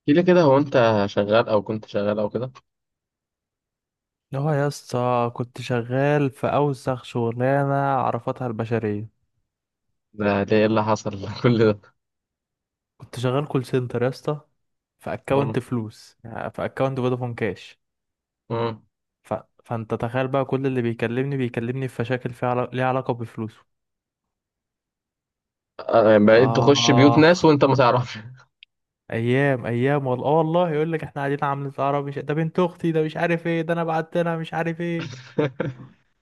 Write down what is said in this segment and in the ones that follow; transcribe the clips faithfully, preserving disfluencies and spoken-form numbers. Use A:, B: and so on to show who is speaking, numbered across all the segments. A: احكي لي كده، هو انت شغال او كنت شغال او كده؟
B: هو يا اسطى كنت شغال في اوسخ شغلانه عرفتها البشريه.
A: ده ده ايه اللي حصل كل ده؟
B: كنت شغال كول سنتر يا اسطى، في اكونت
A: مم.
B: فلوس، يعني في اكونت فودافون كاش.
A: مم.
B: ف... فانت تخيل بقى كل اللي بيكلمني بيكلمني في مشاكل فيها عل... ليها علاقه بفلوسه.
A: آه، يعني بقيت تخش بيوت
B: اه،
A: ناس وانت ما تعرفش؟
B: ايام ايام والله، اه والله يقول لك احنا قاعدين عاملين سهره، مش ده بنت اختي، ده مش عارف ايه، ده انا بعت لها مش عارف ايه.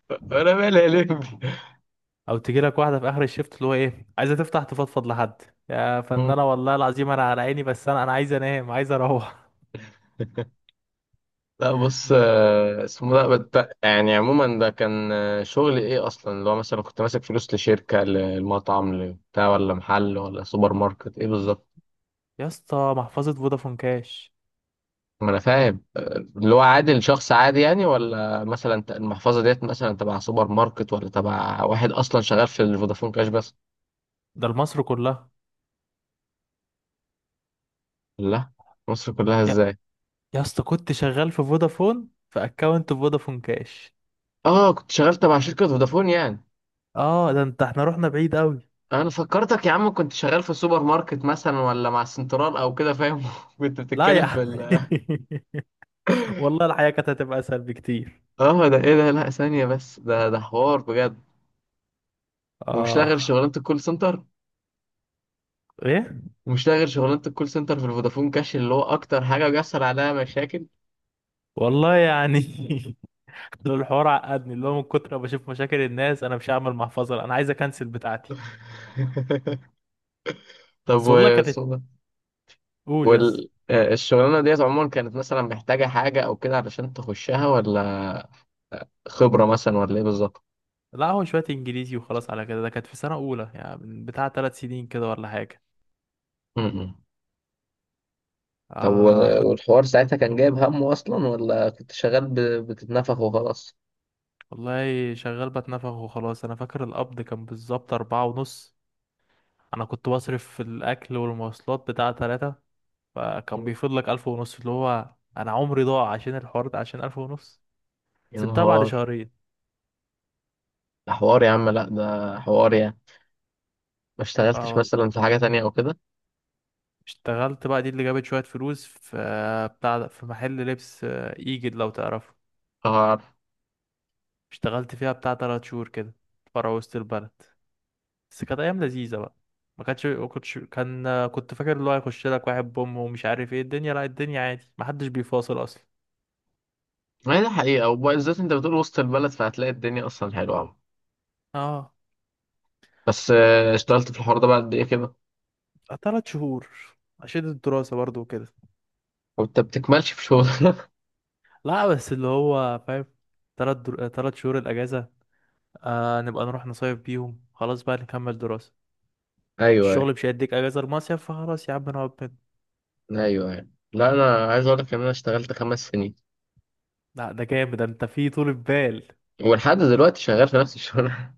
A: انا مالي يا لمبي.
B: او تجي لك واحده في اخر الشفت اللي هو ايه، عايزه تفتح تفضفض لحد، يا
A: مم.
B: فنانة والله العظيم انا على عيني، بس انا انا عايز انام، عايز اروح.
A: لا، بص، آه، اسمه ده بت- يعني عموما ده كان آه، شغل ايه اصلا اللي هو مثلا كنت ماسك فلوس لشركة للمطعم لبتاع، ولا محل ولا سوبر ماركت، ايه بالظبط؟
B: يا اسطى محفظة فودافون كاش.
A: ما انا فاهم، آه، اللي هو عادل شخص عادي يعني، ولا مثلا ت- المحفظة ديت مثلا تبع سوبر ماركت، ولا تبع واحد اصلا شغال في الفودافون كاش بس؟
B: ده لمصر كلها.
A: لا. مصر كلها
B: يا
A: ازاي؟
B: يا اسطى، كنت شغال في فودافون، في اكونت فودافون كاش.
A: اه، كنت شغال تبع شركة فودافون يعني؟
B: اه ده انت احنا رحنا بعيد قوي.
A: انا فكرتك يا عم كنت شغال في سوبر ماركت مثلا، ولا مع سنترال او كده، فاهم؟ كنت
B: لا يا
A: بتتكلم في
B: عم،
A: ال-
B: والله الحياة كانت هتبقى اسهل بكتير.
A: اه، ده ايه ده؟ لا ثانية بس، ده ده حوار بجد. ومش
B: اه،
A: لاغر شغلانة الكول سنتر.
B: ايه،
A: ومش لاغر شغلانة الكول سنتر في الفودافون كاش، اللي هو اكتر حاجة بيحصل عليها مشاكل.
B: والله يعني الحوار عقدني، اللي هو من كتر ما بشوف مشاكل الناس انا مش هعمل محفظة لا، انا عايز اكنسل بتاعتي.
A: طب،
B: بس والله كانت،
A: وصودا.
B: قول يس.
A: والشغلانة ديت عموما كانت مثلا محتاجة حاجة او كده علشان تخشها، ولا خبرة مثلا، ولا ايه بالظبط؟
B: لا هو شوية انجليزي وخلاص على كده، ده كانت في سنة اولى يعني من بتاع ثلاث سنين كده ولا حاجة.
A: طب،
B: آه
A: وال-
B: كنت.
A: والحوار ساعتها كان جايب همه أصلا، ولا كنت شغال ب- بتتنفخ وخلاص؟
B: والله شغال بتنفخ وخلاص، انا فاكر القبض كان بالظبط اربعة ونص. انا كنت بصرف في الاكل والمواصلات بتاع تلاتة، فكان بيفضل لك الف ونص، اللي هو انا عمري ضاع عشان الحوار ده عشان الف ونص.
A: يا
B: سبتها بعد
A: نهار.
B: شهرين.
A: ده حوار يا عم، لا ده حوار يعني. ما
B: اه
A: اشتغلتش
B: والله،
A: مثلا في حاجة تانية أو كده؟
B: اشتغلت بقى دي اللي جابت شوية فلوس، في بتاع ده- في محل لبس، آه، ايجد لو تعرفه.
A: اه.
B: اشتغلت فيها بتاع تلات شهور كده، فرع وسط البلد. بس كانت ايام لذيذه بقى. ما كانتش ما كنتش كان كنت فاكر اللي هو هيخش لك واحد بوم ومش عارف ايه، الدنيا لا، الدنيا عادي ما حدش بيفاصل اصلا.
A: ما هي دي حقيقة، وبالذات أنت بتقول وسط البلد، فهتلاقي الدنيا أصلا حلوة عم.
B: اه،
A: بس آه، اشتغلت في الحوار ده بعد إيه كده؟
B: ثلاث شهور عشان الدراسه برضو وكده.
A: وأنت بتكملش في شغل؟
B: لا بس اللي هو فاهم، ثلاث در... ثلاث شهور الاجازه. آه نبقى نروح نصيف بيهم، خلاص بقى نكمل دراسه.
A: أيوه، أيوه.
B: الشغل مش هيديك اجازه المصيف، فخلاص يا عم نقعد بين.
A: أيوه، أيوه. لا، أنا عايز أقول لك إن أنا اشتغلت خمس سنين،
B: لا ده جامد، ده انت في طول بال.
A: ولحد دلوقتي شغال في نفس الشغل.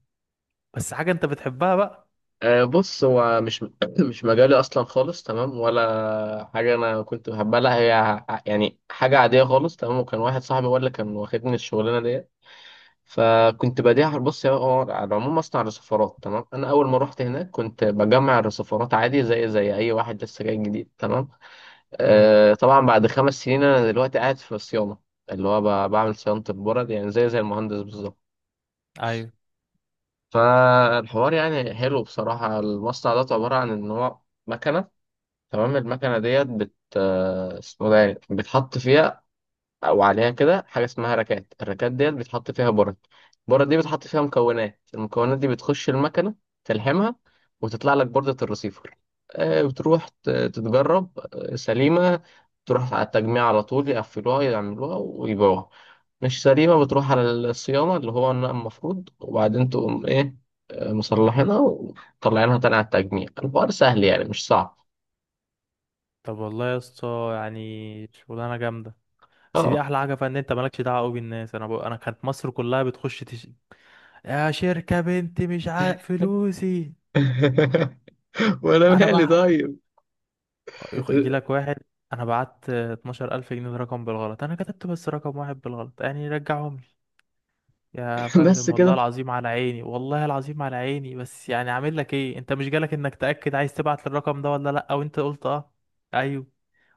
B: بس حاجه انت بتحبها بقى.
A: آه، بص، هو مش مش مجالي اصلا خالص، تمام؟ ولا حاجه انا كنت بحبها، لا هي ع- يعني حاجه عاديه خالص، تمام. وكان واحد صاحبي هو اللي كان واخدني الشغلانه ديت. فكنت بديها، بص يا هو، على العموم مصنع رصفارات، تمام؟ انا اول ما رحت هناك كنت بجمع الرصفارات عادي، زي زي اي واحد لسه جاي جديد، تمام.
B: امم،
A: آه طبعا بعد خمس سنين انا دلوقتي قاعد في الصيانه، اللي هو ب- بعمل صيانه البرد، يعني زي زي المهندس بالظبط.
B: ايوه.
A: فالحوار يعني حلو بصراحه. المصنع ده عباره عن ان هو مكنه، تمام. المكنة ديت بت آه، اسمه ده يعني بتحط فيها أو عليها كده حاجة اسمها ركات. الركات ديت بتحط فيها برد. البرد دي بتحط فيها مكونات. المكونات دي بتخش المكنة، تلحمها، وتطلع لك بردة الرسيفر. آه، بتروح ت- تتجرب، آه، سليمة تروح على التجميع على طول، يقفلوها يعملوها ويبيعوها. مش سليمة بتروح على الصيانة، اللي هو النقل المفروض، وبعدين تقوم إيه، آه، مصلحينها ومطلعينها تاني على التجميع. الحوار سهل يعني، مش صعب.
B: طب والله يا اسطى يعني شغلانه جامده، بس دي
A: اه.
B: احلى حاجه فيها ان انت مالكش دعوه قوي بالناس. انا ب... انا كانت مصر كلها بتخش تش... يا شركه بنتي مش عارف فلوسي.
A: وانا
B: انا
A: مالي؟
B: بع
A: طيب.
B: يخ- يجي لك واحد، انا بعت اثناعشر الف جنيه ده رقم بالغلط، انا كتبت بس رقم واحد بالغلط، يعني رجعهم لي. يا
A: بس
B: فندم والله
A: كده.
B: العظيم على عيني، والله العظيم على عيني، بس يعني عامل لك ايه، انت مش جالك انك تاكد عايز تبعت للرقم ده ولا لا، او انت قلت اه، ايوه.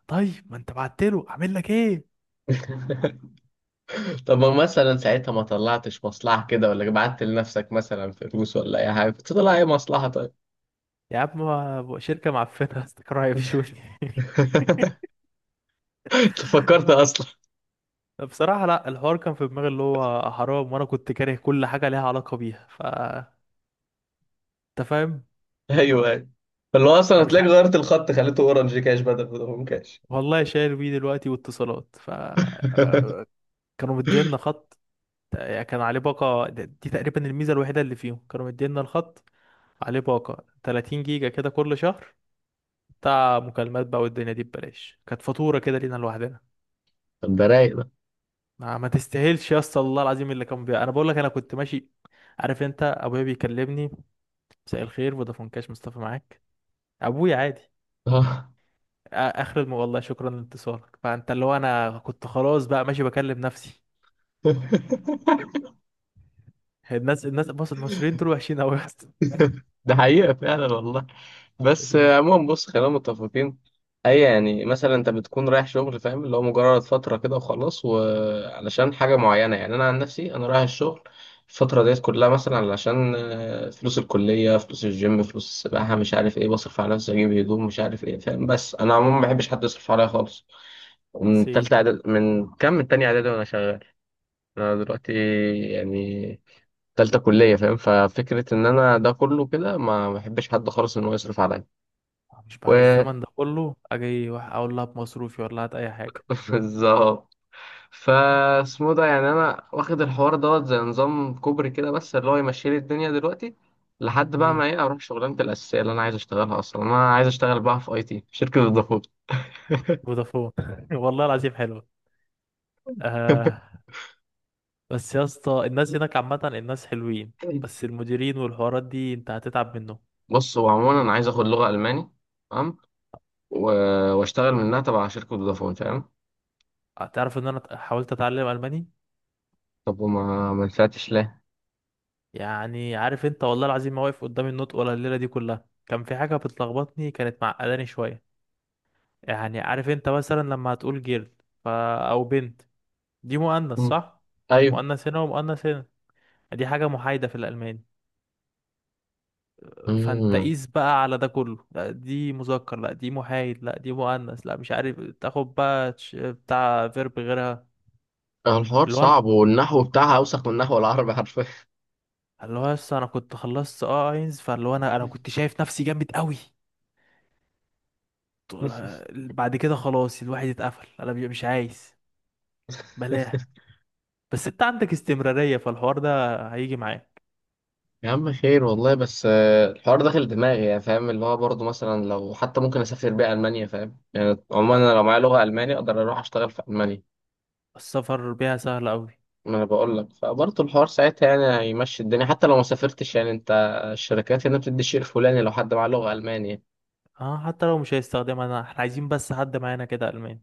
B: طيب ما انت بعت له، اعمل لك ايه.
A: طب، ما مثلا ساعتها ما طلعتش مصلحة كده، ولا بعت لنفسك مثلا فلوس ولا اي حاجة؟ كنت طلع اي مصلحة، طيب.
B: يا عم شركه معفنه استكراهي في شوي.
A: انت فكرت اصلا؟
B: بصراحة لا، الحوار كان في دماغي اللي هو حرام، وانا كنت كاره كل حاجة ليها علاقة بيها، ف انت فاهم.
A: ايوه، ايوه. فاللي هو اصلا
B: انا مش
A: هتلاقيك
B: عارف.
A: غيرت الخط خليته اورنج كاش بدل فودافون كاش.
B: والله شايل بيه دلوقتي واتصالات، ف كانوا مدينا خط، يعني كان عليه باقة، دي تقريبا الميزة الوحيدة اللي فيهم، كانوا مدينا الخط عليه باقة ثلاثين جيجا كده كل شهر، بتاع مكالمات بقى، والدنيا دي ببلاش، كانت فاتورة كده لينا لوحدنا.
A: طب، ده رايق ده.
B: ما, ما تستاهلش يا اسطى، الله العظيم اللي كان بيها، انا بقول لك انا كنت ماشي عارف انت، ابويا بيكلمني: مساء الخير فودافون كاش مصطفى معاك. ابويا عادي آ-
A: آه.
B: اخر الم... والله شكرا لاتصالك. فانت اللي هو انا كنت خلاص بقى ماشي بكلم نفسي. الناس الناس بص، المصريين دول وحشين قوي يا اسطى.
A: ده حقيقة فعلا والله. بس
B: دي
A: آه، عموما بص، خلينا متفقين. اي يعني مثلا انت بتكون رايح شغل، فاهم، اللي هو مجرد فتره كده وخلاص، وعلشان حاجه معينه. يعني انا عن نفسي انا رايح الشغل الفتره ديت كلها مثلا علشان آه، فلوس الكليه، فلوس الجيم، فلوس السباحه، مش عارف ايه، بصرف على نفسي، اجيب هدوم مش عارف ايه، فاهم؟ بس انا عموما ما بحبش حد يصرف عليا خالص. من
B: عصير.
A: تالته اعدادي، من كام، من تاني اعدادي وانا شغال. انا دلوقتي، يعني، تالتة كلية، فاهم؟ ففكرة إن أنا ده كله كده ما ما بحبش حد خالص إن هو يصرف عليا.
B: مش بعد الزمن ده كله اجي واحد اقول لها بمصروفي ولا هات اي حاجه.
A: بالظبط. فاسمه ده يعني انا واخد الحوار دوت زي نظام كوبري كده، بس اللي هو يمشي لي الدنيا دلوقتي، لحد بقى
B: امم،
A: ما ايه اروح شغلانه الاساسيه اللي انا عايز اشتغلها اصلا. انا عايز اشتغل بقى في اي تي، شركه الدخول.
B: فودافون والله العظيم حلوه. آه. بس يا اسطى الناس هناك عامه الناس حلوين، بس المديرين والحوارات دي انت هتتعب منه.
A: بص هو عموما انا عايز اخد لغه الماني، تمام، و- واشتغل منها تبع شركه فودافون، فاهم؟
B: هتعرف ان انا ت- حاولت اتعلم الماني.
A: طب، وما ما نفعتش ليه؟
B: يعني عارف انت، والله العظيم ما واقف قدام النطق، ولا الليله دي كلها كان في حاجه بتلخبطني، كانت معقداني شويه. يعني عارف انت مثلا لما هتقول جيرل، ف... او بنت، دي مؤنث
A: مم.
B: صح؟
A: ايوه.
B: مؤنث هنا، ومؤنث هنا، دي حاجه محايده في الالماني. فانت
A: امم.
B: قيس بقى على ده كله، لا دي مذكر، لا دي محايد، لا دي مؤنث، لا مش عارف، تاخد بقى تش- بتاع فيرب غيرها.
A: الحوار
B: اللي هو انا
A: صعب، والنحو بتاعها اوسخ من النحو العربي حرفيا.
B: اللي هو لسه انا كنت خلصت اه اينز، فاللي هو انا انا كنت شايف نفسي جامد قوي. بعد كده خلاص الواحد اتقفل، انا بي- مش عايز، بلاها. بس انت عندك استمرارية، فالحوار ده هيجي معاك.
A: يا عم، خير والله، بس آه، الحوار داخل دماغي يعني، فاهم؟ اللي هو برضه مثلا لو حتى ممكن اسافر بيه المانيا، فاهم؟ يعني عموما
B: أ-
A: انا لو معايا لغه الماني اقدر اروح اشتغل في المانيا.
B: السفر بيها سهل قوي.
A: ما انا بقول لك، فبرضه الحوار ساعتها يعني هيمشي الدنيا حتى لو ما سافرتش، يعني انت. الشركات هنا بتدي الشيء الفلاني لو حد معاه لغه المانيا.
B: اه، حتى لو مش هيستخدمها، انا احنا عايزين بس حد معانا كده الماني.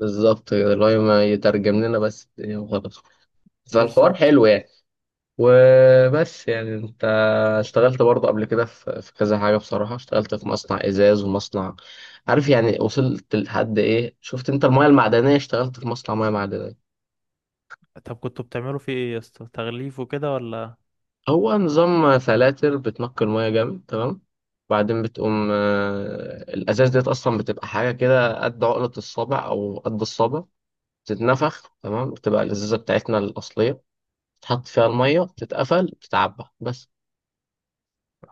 A: بالظبط كده، اللي هو ما يترجم لنا بس الدنيا وخلاص. فالحوار
B: بالظبط.
A: حلو يعني. وبس يعني انت اشتغلت برضه قبل كده في في كذا حاجة. بصراحة اشتغلت في مصنع ازاز ومصنع، عارف يعني، وصلت لحد ايه؟ شفت انت المياه المعدنية؟ اشتغلت في مصنع مياه معدنية.
B: طب كنتوا بتعملوا فيه ايه يا اسطى، تغليف وكده ولا؟
A: هو نظام فلاتر بتنقي المياه جامد، تمام. بعدين بتقوم آه، الازاز ديت اصلا بتبقى حاجة كده قد عقلة الصابع او قد الصابع، بتتنفخ، تمام، بتبقى الازازة بتاعتنا الاصلية، تحط فيها المية، تتقفل، تتعبى بس.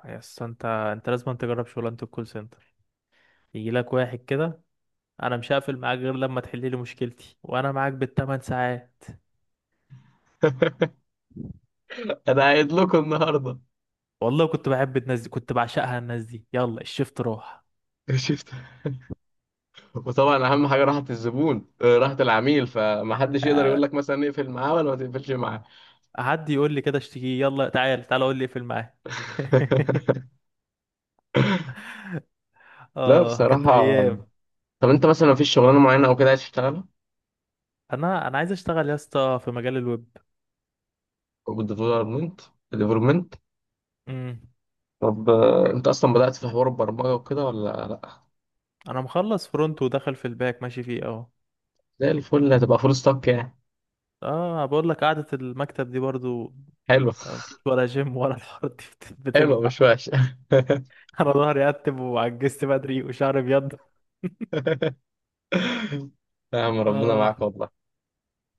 B: يا اسطى انت انت لازم تجرب شغلانه الكول سنتر، يجي لك واحد كده، انا مش هقفل معاك غير لما تحل لي مشكلتي، وانا معاك بالثمان ساعات.
A: انا قايل لكم النهارده.
B: والله كنت بحب الناس دي، كنت بعشقها الناس دي، يلا الشفت راح.
A: وطبعا اهم حاجه راحه الزبون، آه، راحه العميل، فمحدش يقدر
B: آه،
A: يقول لك مثلا اقفل معاه ولا ما تقفلش معاه.
B: حد يقول لي كده اشتكيه، يلا تعال تعال قول لي اقفل معاه.
A: لا،
B: اه كانت
A: بصراحه.
B: ايام.
A: طب انت مثلا مفيش شغلانه معينه او كده عايز تشتغلها؟
B: انا انا عايز اشتغل يا اسطى في مجال الويب.
A: بالديفلوبمنت. ديفلوبمنت.
B: امم.
A: طب، آه، انت اصلا بدات في حوار البرمجه وكده ولا لا؟
B: انا مخلص فرونت، ودخل في الباك ماشي فيه اهو.
A: زي الفل، هتبقى فول ستاك يعني.
B: اه بقول لك قعدة المكتب دي برضو،
A: حلو.
B: مفيش ولا جيم ولا الحوارات دي بت-
A: حلو،
B: بتنفع.
A: مش وحش.
B: انا ظهري اتب، وعجزت بدري، وشعري ابيض.
A: يا عم ربنا
B: اه،
A: معاك والله.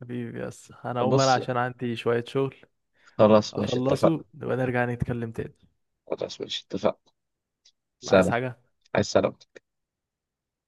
B: حبيبي يس انا اقوم انا
A: بص،
B: عشان عندي شوية شغل،
A: خلاص ماشي، اتفقنا.
B: اخلصه نبقى نرجع نتكلم تاني.
A: خلاص ماشي، اتفقنا.
B: عايز
A: سلام.
B: حاجة؟
A: عايز سلام.